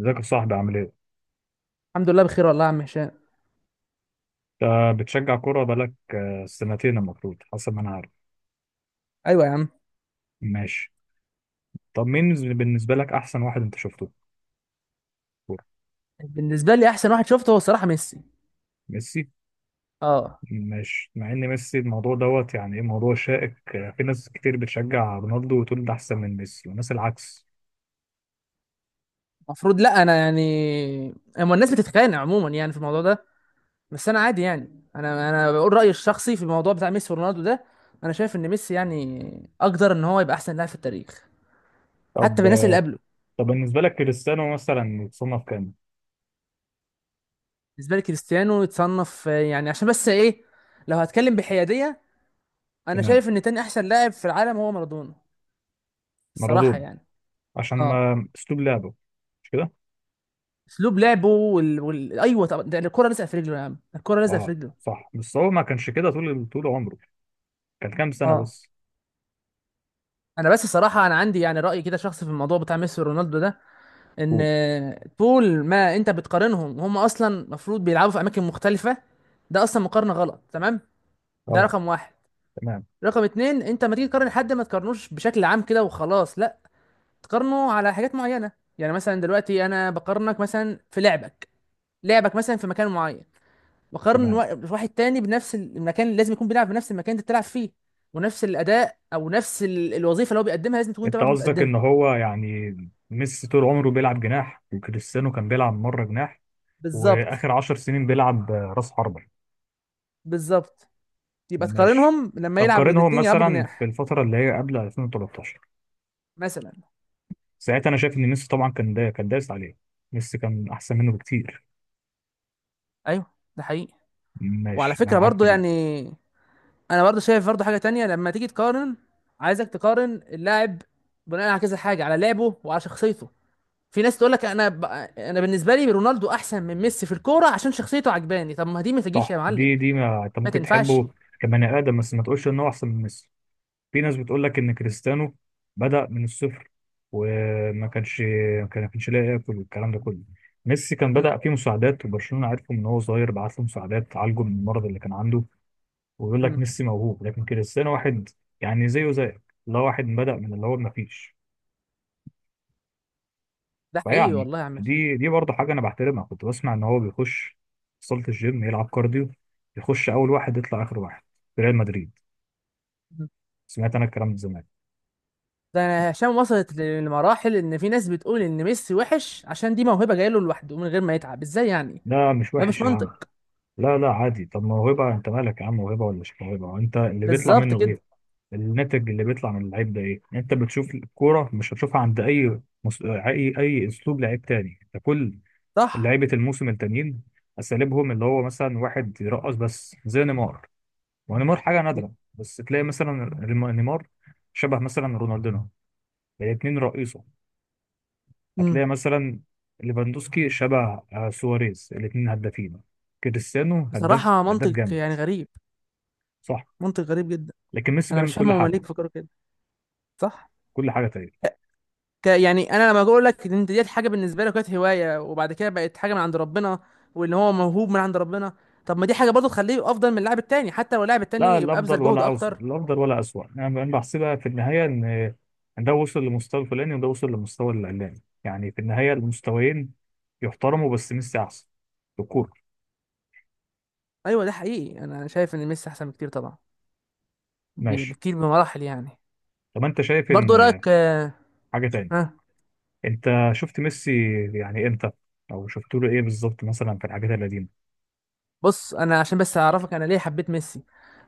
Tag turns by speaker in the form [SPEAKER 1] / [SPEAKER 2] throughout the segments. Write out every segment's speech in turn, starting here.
[SPEAKER 1] ازيك يا صاحبي عامل ايه؟
[SPEAKER 2] الحمد لله بخير والله يا عم هشام.
[SPEAKER 1] انت بتشجع كورة بقالك سنتين المفروض حسب ما انا عارف.
[SPEAKER 2] ايوه يا عم.
[SPEAKER 1] ماشي. طب مين بالنسبة لك أحسن واحد أنت شفته في الكورة؟
[SPEAKER 2] بالنسبه لي احسن واحد شفته هو الصراحه ميسي.
[SPEAKER 1] ميسي؟
[SPEAKER 2] اه.
[SPEAKER 1] ماشي، مع إن ميسي الموضوع دوت يعني إيه موضوع شائك، في ناس كتير بتشجع رونالدو وتقول ده أحسن من ميسي وناس العكس.
[SPEAKER 2] المفروض، لا انا يعني، اما الناس بتتخانق عموما يعني في الموضوع ده. بس انا عادي يعني، انا بقول رايي الشخصي في الموضوع بتاع ميسي ورونالدو ده. انا شايف ان ميسي يعني اقدر ان هو يبقى احسن لاعب في التاريخ، حتى
[SPEAKER 1] طب.
[SPEAKER 2] بالناس اللي قبله.
[SPEAKER 1] طب بالنسبة لك كريستيانو مثلا يتصنف كام؟
[SPEAKER 2] بالنسبه لي كريستيانو يتصنف يعني عشان بس ايه، لو هتكلم بحياديه، انا
[SPEAKER 1] تمام.
[SPEAKER 2] شايف ان تاني احسن لاعب في العالم هو مارادونا. الصراحه
[SPEAKER 1] مارادونا.
[SPEAKER 2] يعني.
[SPEAKER 1] عشان
[SPEAKER 2] اه.
[SPEAKER 1] ما أسلوب لعبه. مش كده؟
[SPEAKER 2] اسلوب لعبه ايوه، طب ده الكره لازقه في رجله يا عم، الكره لازقه في
[SPEAKER 1] أه،
[SPEAKER 2] رجله.
[SPEAKER 1] صح، بس هو ما كانش كده طول عمره. كان كام سنة
[SPEAKER 2] اه.
[SPEAKER 1] بس؟
[SPEAKER 2] انا بس صراحه، انا عندي يعني راي كده شخصي في الموضوع بتاع ميسي ورونالدو ده، ان
[SPEAKER 1] قول.
[SPEAKER 2] طول ما انت بتقارنهم وهم اصلا المفروض بيلعبوا في اماكن مختلفه، ده اصلا مقارنه غلط، تمام؟ ده
[SPEAKER 1] أه.
[SPEAKER 2] رقم واحد.
[SPEAKER 1] تمام.
[SPEAKER 2] رقم اتنين، انت ما تيجي تقارن حد ما تقارنوش بشكل عام كده وخلاص، لا، تقارنه على حاجات معينه. يعني مثلا دلوقتي انا بقارنك مثلا في لعبك، لعبك مثلا في مكان معين، بقارن
[SPEAKER 1] تمام.
[SPEAKER 2] واحد تاني بنفس المكان، لازم يكون بيلعب بنفس المكان اللي انت بتلعب فيه. ونفس الاداء او نفس الوظيفه اللي هو بيقدمها لازم تكون انت
[SPEAKER 1] انت
[SPEAKER 2] برضه
[SPEAKER 1] قصدك
[SPEAKER 2] بتقدمها.
[SPEAKER 1] ان هو يعني ميسي طول عمره بيلعب جناح وكريستيانو كان بيلعب مره جناح
[SPEAKER 2] بالظبط.
[SPEAKER 1] واخر 10 سنين بيلعب راس حربة.
[SPEAKER 2] بالظبط. يبقى
[SPEAKER 1] ماشي.
[SPEAKER 2] تقارنهم لما
[SPEAKER 1] طب
[SPEAKER 2] يلعب
[SPEAKER 1] قارنهم
[SPEAKER 2] الاثنين، يلعبوا
[SPEAKER 1] مثلا في
[SPEAKER 2] جناح.
[SPEAKER 1] الفتره اللي هي قبل 2013.
[SPEAKER 2] مثلا.
[SPEAKER 1] ساعتها انا شايف ان ميسي طبعا كان دا كان دايس عليه. ميسي كان احسن منه بكتير.
[SPEAKER 2] ايوه ده حقيقي. وعلى
[SPEAKER 1] ماشي، انا
[SPEAKER 2] فكره
[SPEAKER 1] معاك
[SPEAKER 2] برضه
[SPEAKER 1] في دي.
[SPEAKER 2] يعني انا برضه شايف برضه حاجه تانية لما تيجي تقارن، عايزك تقارن اللاعب بناء على كذا حاجه، على لعبه وعلى شخصيته. في ناس تقول لك انا بالنسبه لي رونالدو احسن من ميسي في الكوره عشان شخصيته عجباني. طب ما دي ما تجيش يا
[SPEAKER 1] صح،
[SPEAKER 2] معلم،
[SPEAKER 1] دي ما انت
[SPEAKER 2] ما
[SPEAKER 1] ممكن
[SPEAKER 2] تنفعش.
[SPEAKER 1] تحبه كبني ادم، بس ما تقولش ان هو احسن من ميسي. في ناس بتقول لك ان كريستيانو بدأ من الصفر وما كانش ما كانش لاقي ياكل والكلام ده كله. ميسي كان بدأ فيه مساعدات، وبرشلونة عرفه من هو صغير بعت له مساعدات تعالجه من المرض اللي كان عنده. ويقول لك
[SPEAKER 2] مم.
[SPEAKER 1] ميسي موهوب لكن كريستيانو واحد يعني زيه زيك، اللي هو واحد بدأ من اللي هو ما فيش.
[SPEAKER 2] ده حقيقي
[SPEAKER 1] فيعني
[SPEAKER 2] والله يا عم هشام.
[SPEAKER 1] دي برضه حاجة انا بحترمها. كنت بسمع ان هو بيخش صالة الجيم يلعب كارديو، يخش اول واحد يطلع اخر واحد في ريال مدريد.
[SPEAKER 2] مم.
[SPEAKER 1] سمعت انا الكلام ده زمان.
[SPEAKER 2] ده، هشام، وصلت لمراحل ان في ناس بتقول ان ميسي وحش عشان دي موهبه جايله لوحده من غير ما يتعب، ازاي يعني؟
[SPEAKER 1] ده مش
[SPEAKER 2] ده مش
[SPEAKER 1] وحش يا عم.
[SPEAKER 2] منطق.
[SPEAKER 1] لا لا، عادي. طب موهبة، انت مالك يا عم، موهبة ولا مش موهبة، وانت اللي بيطلع
[SPEAKER 2] بالظبط
[SPEAKER 1] منه
[SPEAKER 2] كده.
[SPEAKER 1] ايه، الناتج اللي بيطلع من اللعيب ده ايه يعني. انت بتشوف الكورة مش هتشوفها عند اي مس... اي اي اسلوب لعيب تاني. انت كل
[SPEAKER 2] صح.
[SPEAKER 1] لعيبة الموسم التانيين اساليبهم، اللي هو مثلا واحد يرقص بس زي نيمار، ونيمار حاجة
[SPEAKER 2] مم.
[SPEAKER 1] نادرة. بس تلاقي مثلا نيمار شبه مثلا رونالدينو، الاتنين رئيسه.
[SPEAKER 2] مم.
[SPEAKER 1] هتلاقي مثلا ليفاندوسكي شبه، سواريز، الاتنين هدافين. كريستيانو هداف،
[SPEAKER 2] بصراحه
[SPEAKER 1] هداف
[SPEAKER 2] منطق
[SPEAKER 1] جامد.
[SPEAKER 2] يعني غريب،
[SPEAKER 1] صح.
[SPEAKER 2] منطق غريب جدا.
[SPEAKER 1] لكن ميسي
[SPEAKER 2] انا
[SPEAKER 1] بيعمل
[SPEAKER 2] مش فاهم
[SPEAKER 1] كل
[SPEAKER 2] هما ليه
[SPEAKER 1] حاجه،
[SPEAKER 2] بيفكروا كده. صح.
[SPEAKER 1] كل حاجه تقريبا.
[SPEAKER 2] يعني انا لما بقول لك ان انت ديت حاجه بالنسبه لك كانت هوايه وبعد كده بقت حاجه من عند ربنا، وان هو موهوب من عند ربنا، طب ما دي حاجه برضه تخليه افضل من اللاعب التاني، حتى لو اللاعب
[SPEAKER 1] لا
[SPEAKER 2] التاني يبقى
[SPEAKER 1] الافضل
[SPEAKER 2] ابذل جهد
[SPEAKER 1] ولا اوسط،
[SPEAKER 2] اكتر.
[SPEAKER 1] الافضل ولا اسوأ. انا أنا بحسبها في النهايه ان ده وصل لمستوى الفلاني وده وصل لمستوى العلاني، يعني في النهايه المستويين يحترموا، بس ميسي احسن في الكوره.
[SPEAKER 2] ايوه ده حقيقي، انا شايف ان ميسي احسن بكتير طبعا،
[SPEAKER 1] ماشي.
[SPEAKER 2] بكتير بمراحل يعني.
[SPEAKER 1] طب انت شايف ان
[SPEAKER 2] برضو إيه رايك
[SPEAKER 1] حاجه تاني؟
[SPEAKER 2] ها؟
[SPEAKER 1] انت شفت ميسي يعني امتى، او شفت له ايه بالظبط مثلا في الحاجات القديمه؟
[SPEAKER 2] بص، انا عشان بس اعرفك انا ليه حبيت ميسي،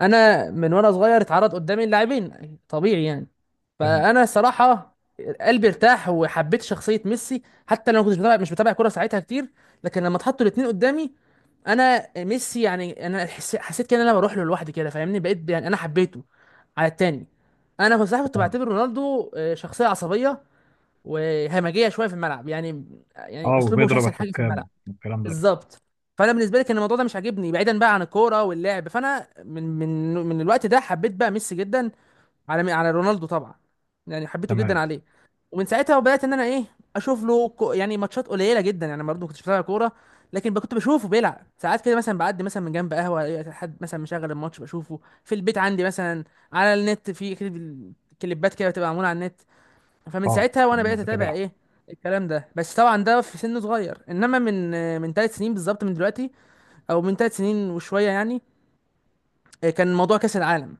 [SPEAKER 2] انا من وانا صغير اتعرض قدامي اللاعبين طبيعي يعني.
[SPEAKER 1] تمام.
[SPEAKER 2] فانا صراحه قلبي ارتاح وحبيت شخصيه ميسي، حتى لو ما كنتش بتابع مش بتابع كوره ساعتها كتير، لكن لما اتحطوا الاثنين قدامي، انا ميسي يعني انا حسيت كده ان انا بروح له لوحدي كده، فاهمني؟ بقيت يعني انا حبيته على التاني. انا كنت صراحه كنت
[SPEAKER 1] تمام.
[SPEAKER 2] بعتبر رونالدو شخصيه عصبيه وهمجيه شويه في الملعب يعني.
[SPEAKER 1] اه،
[SPEAKER 2] يعني اسلوبه مش
[SPEAKER 1] وبيضرب
[SPEAKER 2] احسن حاجه في
[SPEAKER 1] الحكام
[SPEAKER 2] الملعب.
[SPEAKER 1] والكلام ده.
[SPEAKER 2] بالظبط. فانا بالنسبه لي كان الموضوع ده مش عاجبني بعيدا بقى عن الكوره واللعب، فانا من الوقت ده حبيت بقى ميسي جدا، على رونالدو طبعا، يعني حبيته جدا
[SPEAKER 1] تمام.
[SPEAKER 2] عليه. ومن ساعتها وبدات ان انا ايه، اشوف له يعني ماتشات قليله جدا، يعني برضه ما كنتش بتابع كوره، لكن كنت بشوفه بيلعب ساعات كده، مثلا بعدي مثلا من جنب قهوه ألاقي حد مثلا مشغل الماتش، بشوفه في البيت عندي مثلا، على النت في كليبات كده بتبقى معموله على النت. فمن
[SPEAKER 1] اه
[SPEAKER 2] ساعتها وانا
[SPEAKER 1] تمام،
[SPEAKER 2] بقيت اتابع
[SPEAKER 1] بتابعها.
[SPEAKER 2] ايه الكلام ده، بس طبعا ده في سن صغير. انما من 3 سنين بالظبط من دلوقتي، او من 3 سنين وشويه يعني، كان موضوع كاس العالم.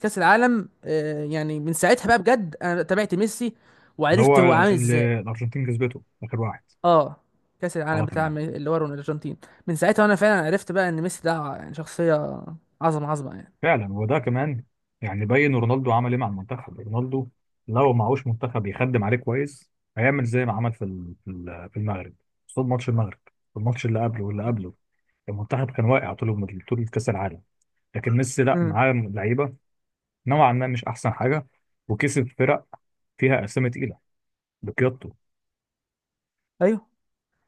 [SPEAKER 2] كاس العالم، يعني من ساعتها بقى بجد انا تابعت ميسي
[SPEAKER 1] اللي
[SPEAKER 2] وعرفت
[SPEAKER 1] هو
[SPEAKER 2] هو عامل ازاي.
[SPEAKER 1] الارجنتين كسبته اخر واحد.
[SPEAKER 2] اه. كاس العالم
[SPEAKER 1] اه
[SPEAKER 2] بتاع
[SPEAKER 1] تمام.
[SPEAKER 2] اللي هو الارجنتين. من ساعتها وانا فعلا عرفت بقى ان ميسي ده يعني شخصيه، عظمه عظمه يعني.
[SPEAKER 1] فعلا، وده كمان يعني، بين رونالدو عمل ايه مع المنتخب؟ رونالدو لو معهوش منتخب يخدم عليه كويس هيعمل زي ما عمل في في المغرب. قصاد ماتش المغرب، الماتش اللي قبله واللي قبله، المنتخب كان واقع طول كاس العالم. لكن ميسي لا،
[SPEAKER 2] امم.
[SPEAKER 1] معاه لعيبه نوعا ما مش احسن حاجه، وكسب فرق فيها اسامي تقيله بقيادته.
[SPEAKER 2] ايوه.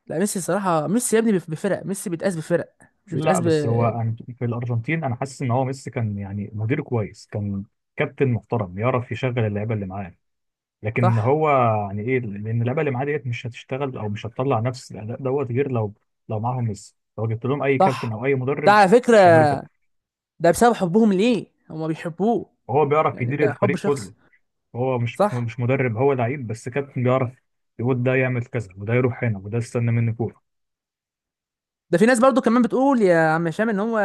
[SPEAKER 2] لا ميسي الصراحه، ميسي يا ابني بفرق، ميسي بيتقاس بفرق، مش
[SPEAKER 1] لا
[SPEAKER 2] بيتقاس
[SPEAKER 1] بس هو، في الارجنتين انا حاسس ان هو ميسي كان يعني مدير كويس، كان كابتن محترم يعرف يشغل اللعيبه اللي معاه. لكن
[SPEAKER 2] صح.
[SPEAKER 1] هو يعني ايه، لان اللعبه اللي معاه ديت مش هتشتغل او مش هتطلع نفس الاداء دوت غير لو، لو معاهم ميسي. لو جبت لهم اي كابتن
[SPEAKER 2] صح
[SPEAKER 1] او اي
[SPEAKER 2] ده
[SPEAKER 1] مدرب
[SPEAKER 2] على فكرة،
[SPEAKER 1] مش هيعملوا كده.
[SPEAKER 2] ده بسبب حبهم ليه، هما بيحبوه.
[SPEAKER 1] وهو بيعرف
[SPEAKER 2] يعني
[SPEAKER 1] يدير
[SPEAKER 2] ده حب
[SPEAKER 1] الفريق
[SPEAKER 2] شخص.
[SPEAKER 1] كله. هو مش مش
[SPEAKER 2] صح.
[SPEAKER 1] مش مدرب، هو لعيب بس كابتن بيعرف يقول ده يعمل كذا وده يروح هنا وده استنى مني كوره.
[SPEAKER 2] ده في ناس برضو كمان بتقول يا عم هشام ان هو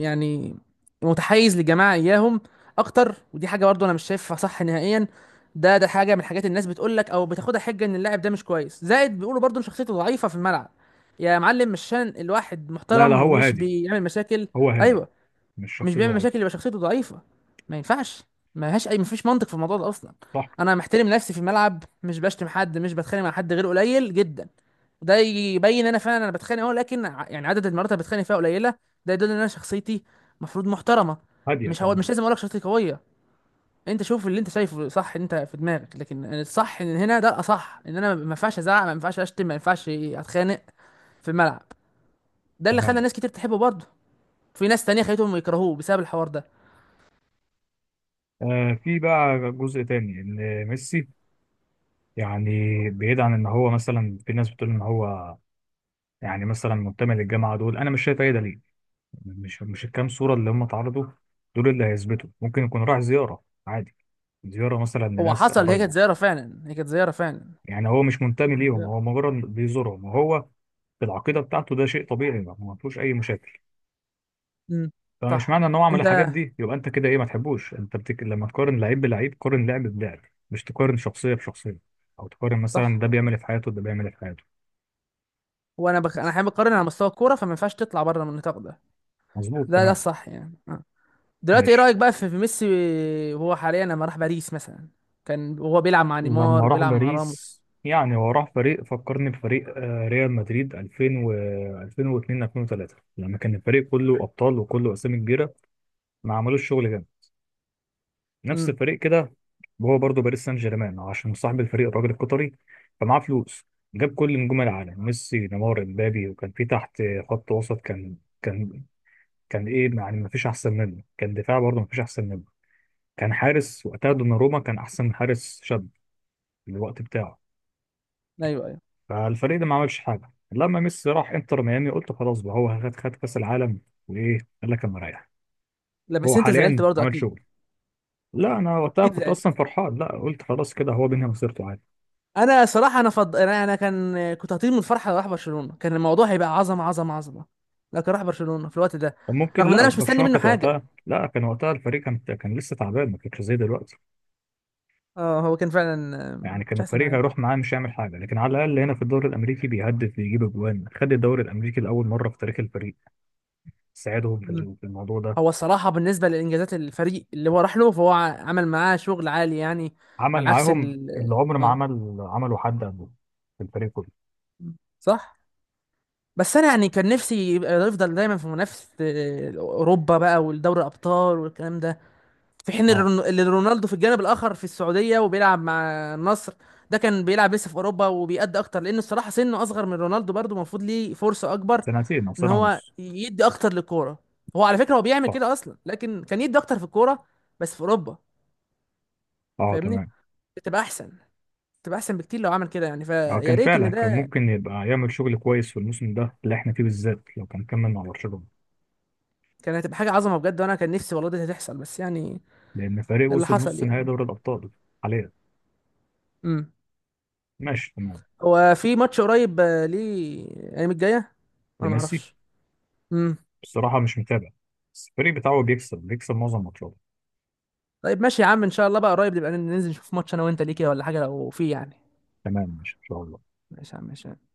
[SPEAKER 2] يعني متحيز للجماعه اياهم اكتر، ودي حاجه برضو انا مش شايفها صح نهائيا. ده حاجه من الحاجات الناس بتقول لك او بتاخدها حجه ان اللاعب ده مش كويس، زائد بيقولوا برضو ان شخصيته ضعيفه في الملعب. يا معلم مش عشان الواحد
[SPEAKER 1] لا لا،
[SPEAKER 2] محترم
[SPEAKER 1] هو
[SPEAKER 2] ومش
[SPEAKER 1] هادي.
[SPEAKER 2] بيعمل مشاكل.
[SPEAKER 1] هو هادي
[SPEAKER 2] ايوه.
[SPEAKER 1] مش
[SPEAKER 2] مش
[SPEAKER 1] شخصيه
[SPEAKER 2] بيعمل
[SPEAKER 1] لعيب.
[SPEAKER 2] مشاكل يبقى شخصيته ضعيفة؟ ما ينفعش. ما لهاش اي، مفيش منطق في الموضوع ده اصلا.
[SPEAKER 1] صح،
[SPEAKER 2] انا محترم نفسي في الملعب، مش بشتم حد، مش بتخانق مع حد غير قليل جدا، وده يبين انا فعلا انا بتخانق اهو، لكن يعني عدد المرات اللي بتخانق فيها قليلة، ده يدل ان انا شخصيتي مفروض محترمة.
[SPEAKER 1] هاديه
[SPEAKER 2] مش، هو مش
[SPEAKER 1] تمام.
[SPEAKER 2] لازم اقول لك شخصيتي قوية، انت شوف اللي انت شايفه صح انت في دماغك، لكن الصح ان هنا، ده الاصح ان انا ما ينفعش ازعق، ما ينفعش اشتم، ما ينفعش اتخانق في الملعب. ده اللي خلى
[SPEAKER 1] تمام.
[SPEAKER 2] ناس كتير تحبه برضه، في ناس تانية خليتهم يكرهوه بسبب الحوار ده.
[SPEAKER 1] في بقى جزء تاني، ان ميسي يعني، بعيد عن ان هو مثلا في ناس بتقول ان هو يعني مثلا منتمي للجامعه دول. انا مش شايف اي دليل. مش الكام صوره اللي هم اتعرضوا دول اللي هيثبتوا. ممكن يكون راح زياره عادي، زياره مثلا
[SPEAKER 2] هو
[SPEAKER 1] لناس
[SPEAKER 2] حصل، هي كانت
[SPEAKER 1] قرايبه.
[SPEAKER 2] زيارة فعلا، هي كانت زيارة فعلا،
[SPEAKER 1] يعني هو مش
[SPEAKER 2] هي
[SPEAKER 1] منتمي
[SPEAKER 2] كانت
[SPEAKER 1] ليهم،
[SPEAKER 2] زيارة.
[SPEAKER 1] هو مجرد بيزورهم، وهو في العقيده بتاعته ده شيء طبيعي ما فيهوش اي مشاكل.
[SPEAKER 2] امم.
[SPEAKER 1] فمش
[SPEAKER 2] صح.
[SPEAKER 1] معنى ان هو عمل الحاجات
[SPEAKER 2] انت.
[SPEAKER 1] دي يبقى انت كده ايه، ما تحبوش. انت لما تقارن لعيب بلعيب قارن لعب بلعب، مش تقارن شخصيه بشخصيه، او تقارن مثلا
[SPEAKER 2] صح،
[SPEAKER 1] ده بيعمل إيه في حياته وده بيعمل إيه في حياته.
[SPEAKER 2] وانا انا
[SPEAKER 1] بس.
[SPEAKER 2] حابب اقارن على مستوى الكورة، فما ينفعش تطلع بره من النطاق ده.
[SPEAKER 1] مظبوط
[SPEAKER 2] ده
[SPEAKER 1] تمام.
[SPEAKER 2] الصح يعني. دلوقتي ايه
[SPEAKER 1] ماشي.
[SPEAKER 2] رأيك بقى في في ميسي وهو حاليا لما راح باريس مثلا، كان وهو بيلعب مع نيمار
[SPEAKER 1] لما راح
[SPEAKER 2] وبيلعب مع راموس.
[SPEAKER 1] باريس، يعني هو راح فريق فكرني بفريق، ريال مدريد 2000 و 2002 2003 لما كان الفريق كله ابطال وكله اسامي كبيره ما عملوش شغل جامد، نفس
[SPEAKER 2] امم.
[SPEAKER 1] الفريق كده. هو برضه باريس سان جيرمان، عشان صاحب الفريق الراجل القطري فمعاه فلوس، جاب كل نجوم العالم: ميسي، نيمار، امبابي. وكان في تحت خط وسط، كان كان كان ايه يعني ما فيش احسن منه، كان دفاع برضه ما فيش احسن منه، كان حارس وقتها دوناروما كان احسن حارس شاب في الوقت بتاعه.
[SPEAKER 2] ايوه ايوه.
[SPEAKER 1] فالفريق ده ما عملش حاجه. لما ميسي راح انتر ميامي قلت خلاص بقى، هو خد كاس العالم وايه، قال لك انا رايح.
[SPEAKER 2] لا بس
[SPEAKER 1] هو
[SPEAKER 2] انت زعلت
[SPEAKER 1] حاليا
[SPEAKER 2] برضه
[SPEAKER 1] عمل
[SPEAKER 2] اكيد.
[SPEAKER 1] شغل. لا، انا وقتها
[SPEAKER 2] اكيد
[SPEAKER 1] كنت
[SPEAKER 2] زعلت.
[SPEAKER 1] اصلا فرحان، لا قلت خلاص كده هو بينهي مسيرته عادي.
[SPEAKER 2] انا صراحة انا أنا كان كنت هطير من الفرحة لو راح برشلونة، كان الموضوع هيبقى عظمة، عظمة، عظمة، لكن راح برشلونة في الوقت ده،
[SPEAKER 1] كان ممكن.
[SPEAKER 2] رغم ان
[SPEAKER 1] لا
[SPEAKER 2] انا مش مستني
[SPEAKER 1] برشلونه
[SPEAKER 2] منه
[SPEAKER 1] كانت
[SPEAKER 2] حاجة.
[SPEAKER 1] وقتها، لا كان وقتها الفريق كان، كان لسه تعبان ما كانش زي دلوقتي.
[SPEAKER 2] اه هو كان فعلا
[SPEAKER 1] يعني كان
[SPEAKER 2] مش احسن
[SPEAKER 1] الفريق
[SPEAKER 2] حاجه.
[SPEAKER 1] هيروح معاه مش هيعمل حاجه، لكن على الاقل هنا في الدوري الامريكي بيهدف بيجيب اجوان، خد الدوري الامريكي لاول مره في تاريخ الفريق. ساعدهم في
[SPEAKER 2] مم.
[SPEAKER 1] الموضوع ده.
[SPEAKER 2] هو الصراحه بالنسبه لانجازات الفريق اللي هو راح له، فهو عمل معاه شغل عالي يعني،
[SPEAKER 1] عمل
[SPEAKER 2] على عكس
[SPEAKER 1] معاهم اللي عمر ما
[SPEAKER 2] اه.
[SPEAKER 1] عمل عمله حد قبله في الفريق كله.
[SPEAKER 2] صح، بس انا يعني كان نفسي يبقى يفضل دايما في منافسه اوروبا بقى، والدوري الابطال والكلام ده، في حين
[SPEAKER 1] اه،
[SPEAKER 2] اللي رونالدو في الجانب الاخر في السعوديه وبيلعب مع النصر، ده كان بيلعب لسه في اوروبا وبيأدي اكتر، لان الصراحه سنه اصغر من رونالدو برضه، المفروض ليه فرصه اكبر
[SPEAKER 1] سنتين او
[SPEAKER 2] ان
[SPEAKER 1] سنه
[SPEAKER 2] هو
[SPEAKER 1] ونص.
[SPEAKER 2] يدي اكتر للكوره. هو على فكره هو بيعمل
[SPEAKER 1] صح.
[SPEAKER 2] كده اصلا، لكن كان يدي اكتر في الكوره، بس في اوروبا.
[SPEAKER 1] اه
[SPEAKER 2] فاهمني،
[SPEAKER 1] تمام.
[SPEAKER 2] بتبقى احسن، بتبقى احسن بكتير لو عمل كده يعني،
[SPEAKER 1] اه،
[SPEAKER 2] فيا
[SPEAKER 1] كان
[SPEAKER 2] ريت
[SPEAKER 1] فعلا
[SPEAKER 2] ان
[SPEAKER 1] كان
[SPEAKER 2] ده
[SPEAKER 1] ممكن يبقى يعمل شغل كويس في الموسم ده اللي احنا فيه بالذات لو كان كمل مع برشلونه.
[SPEAKER 2] كان، هتبقى حاجه عظمه بجد، وانا كان نفسي والله دي هتحصل، بس يعني
[SPEAKER 1] لان فريق
[SPEAKER 2] اللي
[SPEAKER 1] وصل
[SPEAKER 2] حصل
[SPEAKER 1] نص
[SPEAKER 2] يعني.
[SPEAKER 1] نهائي دوري الابطال حاليا.
[SPEAKER 2] امم.
[SPEAKER 1] ماشي تمام.
[SPEAKER 2] هو في ماتش قريب ليه الايام الجايه؟ انا ما
[SPEAKER 1] لميسي؟
[SPEAKER 2] اعرفش.
[SPEAKER 1] بصراحه مش متابع، بس الفريق بتاعه بيكسب، معظم ماتشاته.
[SPEAKER 2] طيب ماشي يا عم ان شاء الله، بقى قريب نبقى ننزل نشوف ماتش انا وانت، ليكي ولا حاجه لو في يعني.
[SPEAKER 1] تمام ماشي، ان شاء الله.
[SPEAKER 2] ماشي يا عم ماشي.